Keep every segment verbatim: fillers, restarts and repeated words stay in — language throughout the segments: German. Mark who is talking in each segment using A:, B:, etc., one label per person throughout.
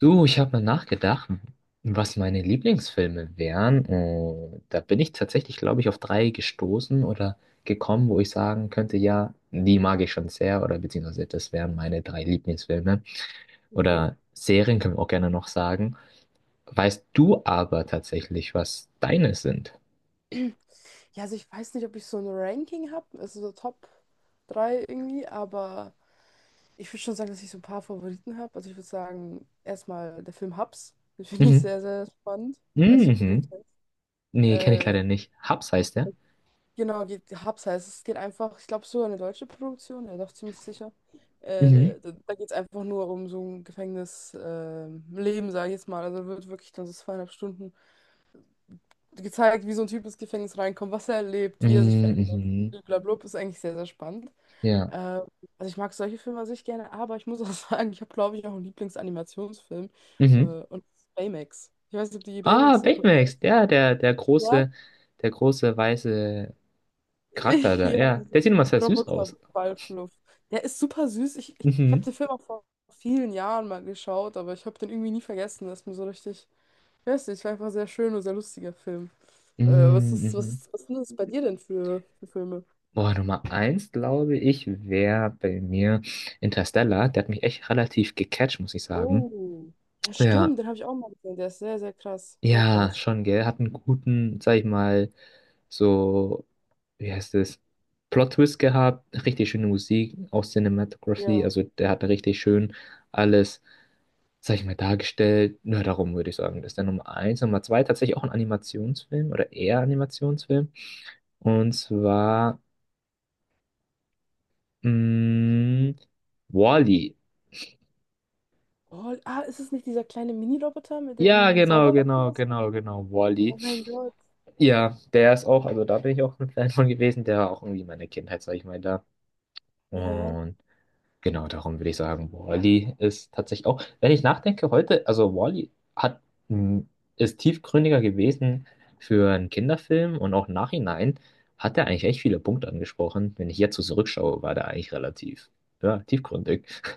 A: Du, ich habe mal nachgedacht, was meine Lieblingsfilme wären. Und da bin ich tatsächlich, glaube ich, auf drei gestoßen oder gekommen, wo ich sagen könnte, ja, die mag ich schon sehr oder beziehungsweise das wären meine drei Lieblingsfilme. Oder Serien können wir auch gerne noch sagen. Weißt du aber tatsächlich, was deine sind?
B: Drei irgendwie, aber ich würde schon sagen, dass ich so ein paar Favoriten habe. Also ich würde sagen, erstmal der Film Hubs. Den finde ich
A: Mhm.
B: sehr, sehr spannend. Ich weiß nicht, ob du den
A: Mhm.
B: kennst.
A: Nee, kenne ich
B: Äh,
A: leider nicht. Hubs heißt der.
B: genau, geht, Hubs heißt es. Es geht einfach, ich glaube, sogar eine deutsche Produktion, ja doch ziemlich sicher.
A: Mhm.
B: Äh, da da geht es einfach nur um so ein Gefängnisleben, äh, Leben, sage ich jetzt mal. Also wird wirklich dann so zweieinhalb Stunden gezeigt, wie so ein Typ ins Gefängnis reinkommt, was er erlebt, wie er sich
A: Mhm.
B: verändert.
A: Mhm.
B: Blablabla, ist eigentlich sehr, sehr spannend.
A: Ja.
B: Äh, also ich mag solche Filme an sich gerne, aber ich muss auch sagen, ich habe, glaube ich, auch einen Lieblingsanimationsfilm. Äh,
A: Mhm.
B: und das ist Baymax. Ich weiß nicht, ob du je
A: Ah,
B: Baymax geguckt hast.
A: Baymax, ja, der, der
B: Ja?
A: große, der große weiße Charakter da,
B: Ja,
A: ja.
B: dieser
A: Der sieht immer sehr süß aus.
B: Roboterballfluff. Der ist super süß. Ich, ich, ich habe
A: Mhm.
B: den Film auch vor vielen Jahren mal geschaut, aber ich habe den irgendwie nie vergessen. Das ist mir so richtig, ich weiß nicht, war einfach ein sehr schön und sehr lustiger Film. Äh, was
A: Mm.
B: ist, was
A: Mhm.
B: ist, was sind das bei dir denn für, für Filme?
A: Boah, Nummer eins, glaube ich, wäre bei mir Interstellar. Der hat mich echt relativ gecatcht, muss ich sagen.
B: Ja,
A: Ja,
B: stimmt, den habe ich auch mal gesehen. Der ist sehr, sehr krass. Sehr
A: ja,
B: krass.
A: schon, gell. Hat einen guten, sag ich mal, so, wie heißt es, Plot-Twist gehabt, richtig schöne Musik, auch Cinematography, also der hat richtig schön alles, sag ich mal, dargestellt. Nur darum würde ich sagen, das ist der Nummer eins. Nummer zwei, tatsächlich auch ein Animationsfilm oder eher Animationsfilm. Und zwar, mh, Wall-E.
B: Oh, ah, ist es nicht dieser kleine Mini-Roboter, mit der
A: Ja,
B: irgendwie
A: genau,
B: sauber macht
A: genau,
B: oder so?
A: genau, genau, Wall-E.
B: Oh mein Gott.
A: Ja, der ist auch, also da bin ich auch ein Fan von gewesen, der war auch irgendwie meine Kindheit, sag ich mal, da.
B: Ja.
A: Und genau, darum würde ich sagen, Wall-E ist tatsächlich auch, wenn ich nachdenke heute, also Wall-E hat, m, ist tiefgründiger gewesen für einen Kinderfilm, und auch nachhinein hat er eigentlich echt viele Punkte angesprochen. Wenn ich jetzt so zurückschaue, war der eigentlich relativ, ja, tiefgründig.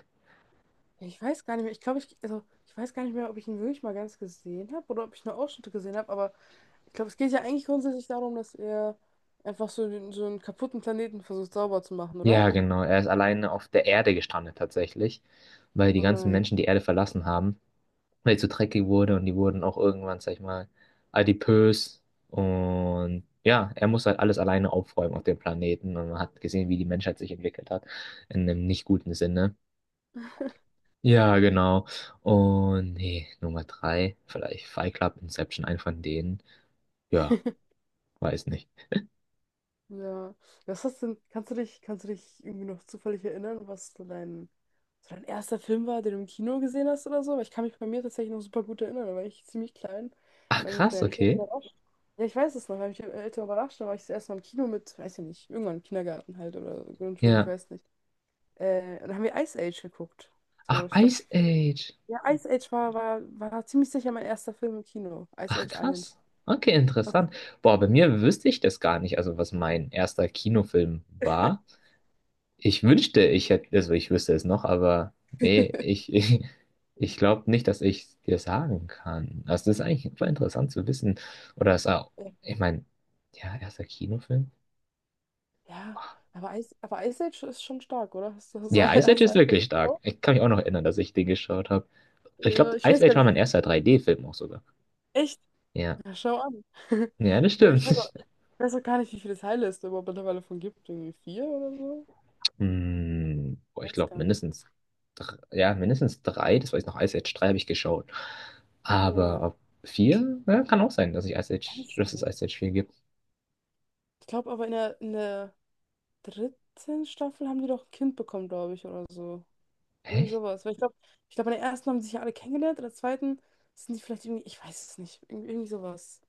B: Ich weiß gar nicht mehr. Ich glaube, ich, also, ich weiß gar nicht mehr, ob ich ihn wirklich mal ganz gesehen habe oder ob ich nur Ausschnitte gesehen habe, aber ich glaube, es geht ja eigentlich grundsätzlich darum, dass er einfach so, den- so einen kaputten Planeten versucht sauber zu machen, oder?
A: Ja, genau, er ist alleine auf der Erde gestrandet tatsächlich, weil die
B: Oh
A: ganzen
B: nein.
A: Menschen die Erde verlassen haben, weil ich so dreckig wurde, und die wurden auch irgendwann, sag ich mal, adipös. Und ja, er muss halt alles alleine aufräumen auf dem Planeten. Und man hat gesehen, wie die Menschheit sich entwickelt hat, in einem nicht guten Sinne. Ja, genau. Und nee, Nummer drei, vielleicht Fight Club, Inception, ein von denen. Ja, weiß nicht.
B: Ja. Was hast denn, kannst du dich, kannst du dich irgendwie noch zufällig erinnern, was so dein, so dein erster Film war, den du im Kino gesehen hast oder so? Weil ich kann mich bei mir tatsächlich noch super gut erinnern, da war ich ziemlich klein. Und
A: Ach,
B: dann haben mich
A: krass,
B: meine Eltern
A: okay.
B: überrascht. Ja, ich weiß es noch, weil ich meine Eltern überrascht, da war ich das erste Mal im Kino mit, weiß ich nicht, irgendwann im Kindergarten halt oder Grundschule, ich
A: Ja.
B: weiß nicht. Äh, und dann haben wir Ice Age geguckt. So,
A: Ach,
B: ich glaube,
A: Ice Age.
B: ja, Ice Age war, war, war ziemlich sicher mein erster Film im Kino. Ice
A: Ach,
B: Age eins.
A: krass. Okay,
B: Was-?
A: interessant. Boah, bei mir wüsste ich das gar nicht, also was mein erster Kinofilm war. Ich wünschte, ich hätte, also ich wüsste es noch, aber nee, ich, ich, ich glaube nicht, dass ich es dir sagen kann. Also das ist eigentlich voll interessant zu wissen. Oder es auch, ich meine, ja, erster Kinofilm.
B: Ja,
A: Oh.
B: aber Ice, aber Ice Age ist schon stark, oder? Hast du, hast du,
A: Ja,
B: hast
A: Ice Age
B: du Ice
A: ist
B: Age
A: wirklich stark.
B: geschaut?
A: Ich kann mich auch noch erinnern, dass ich den geschaut habe. Ich
B: Ja,
A: glaube,
B: ich
A: Ice
B: weiß
A: Age
B: gar
A: war mein
B: nicht.
A: erster drei D-Film auch sogar.
B: Echt?
A: Ja.
B: Ja, schau an.
A: Ja, das
B: Ich, we- ich weiß auch,
A: stimmt.
B: ich weiß auch gar nicht, wie viele Teile es da überhaupt mittlerweile von gibt. Irgendwie vier oder so?
A: Hm, boah, ich
B: Weiß
A: glaube
B: gar nicht.
A: mindestens, dr- ja, mindestens drei, das weiß ich noch, Ice Age drei habe ich geschaut. Aber
B: Ja,
A: ob vier, ja, kann auch sein, dass ich Ice Age,
B: weiß
A: dass es
B: nicht.
A: Ice Age vier gibt.
B: Ich glaube aber in der, in der dritten Staffel haben die doch ein Kind bekommen, glaube ich, oder so. Irgendwie
A: Hä?
B: sowas. Weil ich glaube, ich glaube, in der ersten haben sie sich ja alle kennengelernt, in der zweiten sind die vielleicht irgendwie, ich weiß es nicht. Irgendwie, irgendwie sowas.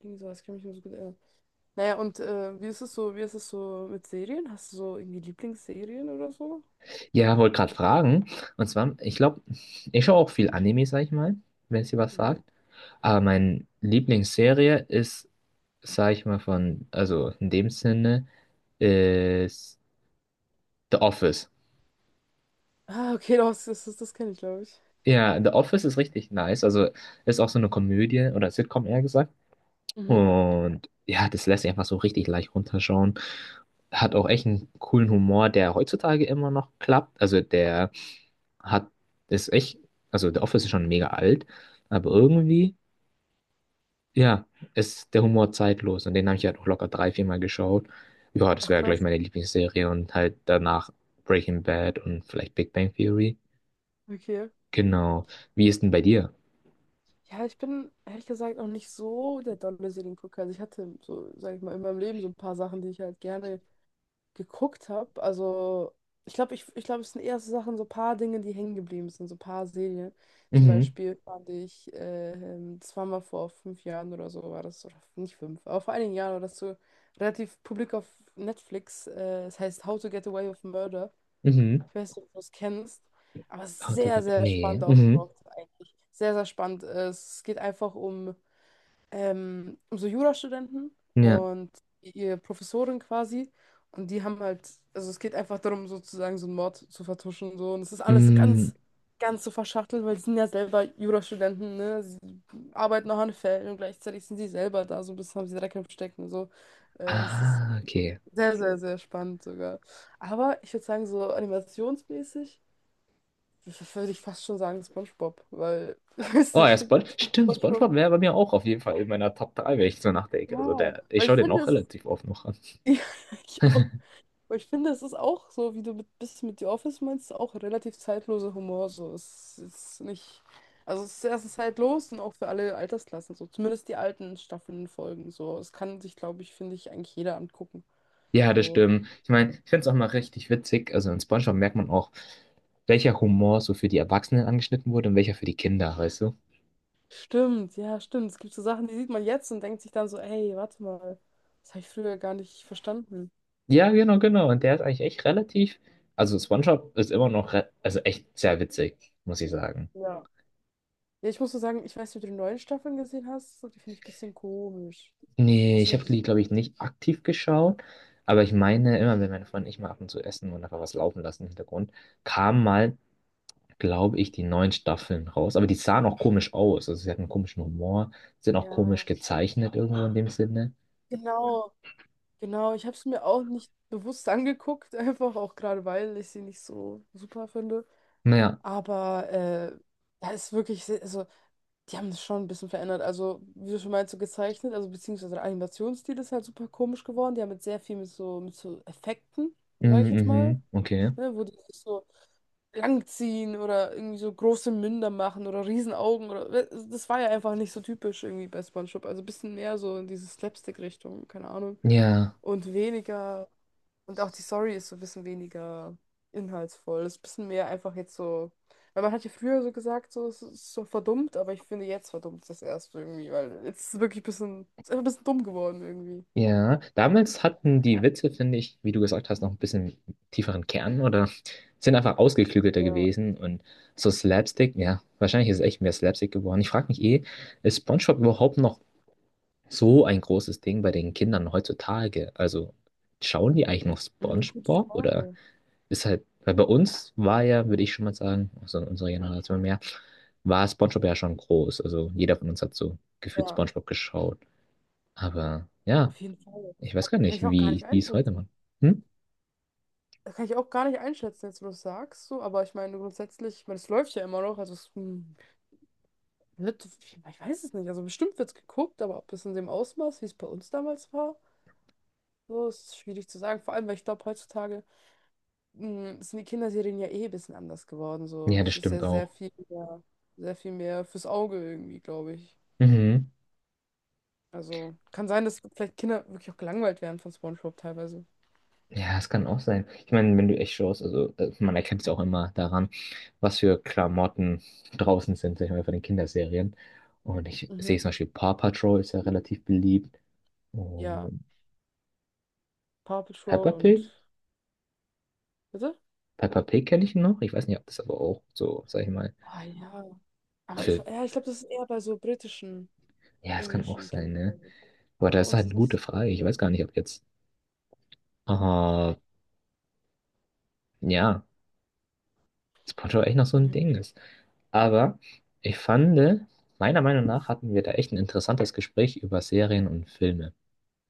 B: Irgendwie sowas, ich kann mich nur so gut erinnern. Naja, und äh, wie ist es so, wie ist es so mit Serien? Hast du so irgendwie Lieblingsserien oder so?
A: Ja, wollte gerade fragen. Und zwar, ich glaube, ich schaue auch viel Anime, sag ich mal, wenn es dir was
B: Mhm.
A: sagt. Aber meine Lieblingsserie ist, sag ich mal, von, also in dem Sinne, ist The Office.
B: Ah, okay, doch, das, das, das kenne ich, glaube ich.
A: Ja, The Office ist richtig nice. Also ist auch so eine Komödie oder Sitcom, eher gesagt.
B: Mhm.
A: Und ja, das lässt sich einfach so richtig leicht runterschauen. Hat auch echt einen coolen Humor, der heutzutage immer noch klappt. Also der hat, ist echt, also The Office ist schon mega alt, aber irgendwie, ja, ist der Humor zeitlos. Und den habe ich halt auch locker drei, viermal geschaut. Ja, das
B: Ach,
A: wäre gleich
B: krass.
A: meine Lieblingsserie und halt danach Breaking Bad und vielleicht Big Bang Theory.
B: Okay.
A: Genau. Wie ist denn bei dir?
B: Ja, ich bin ehrlich gesagt auch nicht so der dolle Seriengucker. Also ich hatte so, sag ich mal, in meinem Leben so ein paar Sachen, die ich halt gerne geguckt habe. Also, ich glaube, ich, ich glaube, es sind eher so Sachen, so paar Dinge, die hängen geblieben sind, so paar Serien. Zum
A: Mhm.
B: Beispiel fand ich, äh, ähm, das war mal vor fünf Jahren oder so, war das, oder nicht fünf, aber vor einigen Jahren war das so relativ publik auf Netflix. Äh, es heißt How to Get Away with Murder.
A: Mhm.
B: Ich weiß nicht, ob du das kennst, aber es
A: How
B: ist
A: to
B: sehr,
A: Get.
B: sehr
A: Nee.
B: spannend
A: Mhm.
B: aufgebaut, eigentlich. Sehr, sehr spannend. Äh, Es geht einfach um ähm, so Jurastudenten
A: Ja.
B: und ihre Professorin quasi. Und die haben halt, also es geht einfach darum, sozusagen so einen Mord zu vertuschen und so. Und es ist alles
A: Mm.
B: ganz, ganz so verschachtelt, weil sie sind ja selber Jurastudenten, ne? Sie arbeiten auch an Fällen und gleichzeitig sind sie selber da, so ein bisschen haben sie Dreck im Stecken und so. Äh, es ist
A: Ah, okay.
B: sehr, sehr, sehr spannend sogar. Aber ich würde sagen, so animationsmäßig würde ich fast schon sagen SpongeBob, weil ich weiß
A: Oh,
B: nicht,
A: ja,
B: ich finde
A: Spon stimmt,
B: SpongeBob,
A: SpongeBob wäre bei mir auch auf jeden Fall in meiner Top drei, wenn ich so nachdenke. Also
B: ja,
A: der, ich
B: weil ich
A: schaue den
B: finde,
A: auch
B: es ist.
A: relativ oft noch an.
B: Ja, ich auch. Aber ich finde, es ist auch so, wie du mit, bist mit The Office meinst, auch relativ zeitloser Humor. So, es ist nicht. Also, es ist erstens zeitlos und auch für alle Altersklassen. So, zumindest die alten Staffeln folgen. So, es kann sich, glaube ich, finde ich, eigentlich jeder angucken.
A: Ja, das
B: So,
A: stimmt. Ich meine, ich finde es auch mal richtig witzig. Also in SpongeBob merkt man auch, welcher Humor so für die Erwachsenen angeschnitten wurde und welcher für die Kinder, weißt du?
B: stimmt, ja, stimmt. Es gibt so Sachen, die sieht man jetzt und denkt sich dann so, ey, warte mal, das habe ich früher gar nicht verstanden.
A: Ja, genau, genau. Und der ist eigentlich echt relativ. Also SpongeBob ist immer noch, re- also echt sehr witzig, muss ich sagen.
B: Ja. Ja, ich muss so sagen, ich weiß nicht, ob du die neuen Staffeln gesehen hast. So, die finde ich ein bisschen komisch.
A: Nee,
B: Hast
A: ich
B: du die
A: habe die, glaube
B: gesehen?
A: ich, nicht aktiv geschaut, aber ich meine, immer wenn meine Freunde und ich mal ab und zu essen und einfach was laufen lassen im Hintergrund, kamen mal, glaube ich, die neuen Staffeln raus. Aber die sahen auch komisch aus. Also sie hatten einen komischen Humor, sind auch komisch
B: Ja.
A: gezeichnet, irgendwo in dem Sinne.
B: Genau, genau, ich habe es mir auch nicht bewusst angeguckt, einfach auch gerade weil ich sie nicht so super finde.
A: Naja.
B: Aber äh, da ist wirklich, se- also die haben das schon ein bisschen verändert. Also, wie du schon meinst, so gezeichnet, also beziehungsweise der Animationsstil ist halt super komisch geworden. Die haben jetzt sehr viel mit so, mit so Effekten, sage ich
A: Mhm,
B: jetzt mal,
A: mhm, okay.
B: ne, wo die sich so langziehen oder irgendwie so große Münder machen oder Riesenaugen oder das war ja einfach nicht so typisch irgendwie bei SpongeBob. Also ein bisschen mehr so in diese Slapstick-Richtung, keine Ahnung.
A: Ja.
B: Und weniger. Und auch die Story ist so ein bisschen weniger inhaltsvoll. Ist ein bisschen mehr einfach jetzt so. Weil man hat ja früher so gesagt, so, es ist so verdummt, aber ich finde, jetzt verdummt es das erst irgendwie, weil jetzt ist es wirklich ein bisschen, ist einfach ein bisschen dumm geworden irgendwie.
A: Ja, damals hatten die Witze, finde ich, wie du gesagt hast, noch ein bisschen tieferen Kern oder sind einfach ausgeklügelter
B: Ja,
A: gewesen, und so Slapstick, ja, wahrscheinlich ist es echt mehr Slapstick geworden. Ich frage mich eh, ist SpongeBob überhaupt noch so ein großes Ding bei den Kindern heutzutage? Also schauen die eigentlich noch
B: hm, gute
A: SpongeBob, oder
B: Frage.
A: ist halt, weil bei uns war ja, würde ich schon mal sagen, also in unserer Generation mehr, war SpongeBob ja schon groß. Also jeder von uns hat so gefühlt
B: Ja,
A: SpongeBob geschaut. Aber ja.
B: auf jeden Fall.
A: Ich weiß gar
B: Kann
A: nicht,
B: ich auch gar nicht
A: wie die es heute
B: einschätzen.
A: machen. Hm?
B: Das kann ich auch gar nicht einschätzen, jetzt wo du es sagst, so, aber ich meine grundsätzlich, ich meine, es läuft ja immer noch, also es hm, wird, ich weiß es nicht, also bestimmt wird es geguckt, aber ob es in dem Ausmaß, wie es bei uns damals war, so ist schwierig zu sagen. Vor allem, weil ich glaube, heutzutage mh, sind die Kinderserien ja eh ein bisschen anders geworden. So.
A: Ja, das
B: Es ist
A: stimmt
B: ja sehr
A: auch.
B: viel mehr, sehr viel mehr fürs Auge irgendwie, glaube ich.
A: Mhm.
B: Also kann sein, dass vielleicht Kinder wirklich auch gelangweilt werden von SpongeBob teilweise.
A: Ja, es kann auch sein. Ich meine, wenn du echt schaust, also äh, man erkennt es auch immer daran, was für Klamotten draußen sind, sag ich mal, von den Kinderserien. Und ich sehe
B: Mhm.
A: zum Beispiel Paw Patrol ist ja relativ beliebt.
B: Ja,
A: Und
B: Paw
A: Peppa
B: Patrol und.
A: Pig?
B: Bitte?
A: Peppa Pig kenne ich noch. Ich weiß nicht, ob das aber auch so, sag ich mal,
B: Ah ja. Aber ich,
A: für...
B: ja, ich glaube, das ist eher bei so britischen,
A: Ja, es kann auch
B: englischen
A: sein,
B: Kindern.
A: ne?
B: So. Ich
A: Aber
B: glaub, bei
A: das ist
B: uns
A: halt eine
B: ist nicht
A: gute
B: so.
A: Frage. Ich weiß gar nicht, ob jetzt... Ah, ja. Dass Portugal echt noch so ein
B: Mhm.
A: Ding ist. Aber ich fand, meiner Meinung nach hatten wir da echt ein interessantes Gespräch über Serien und Filme.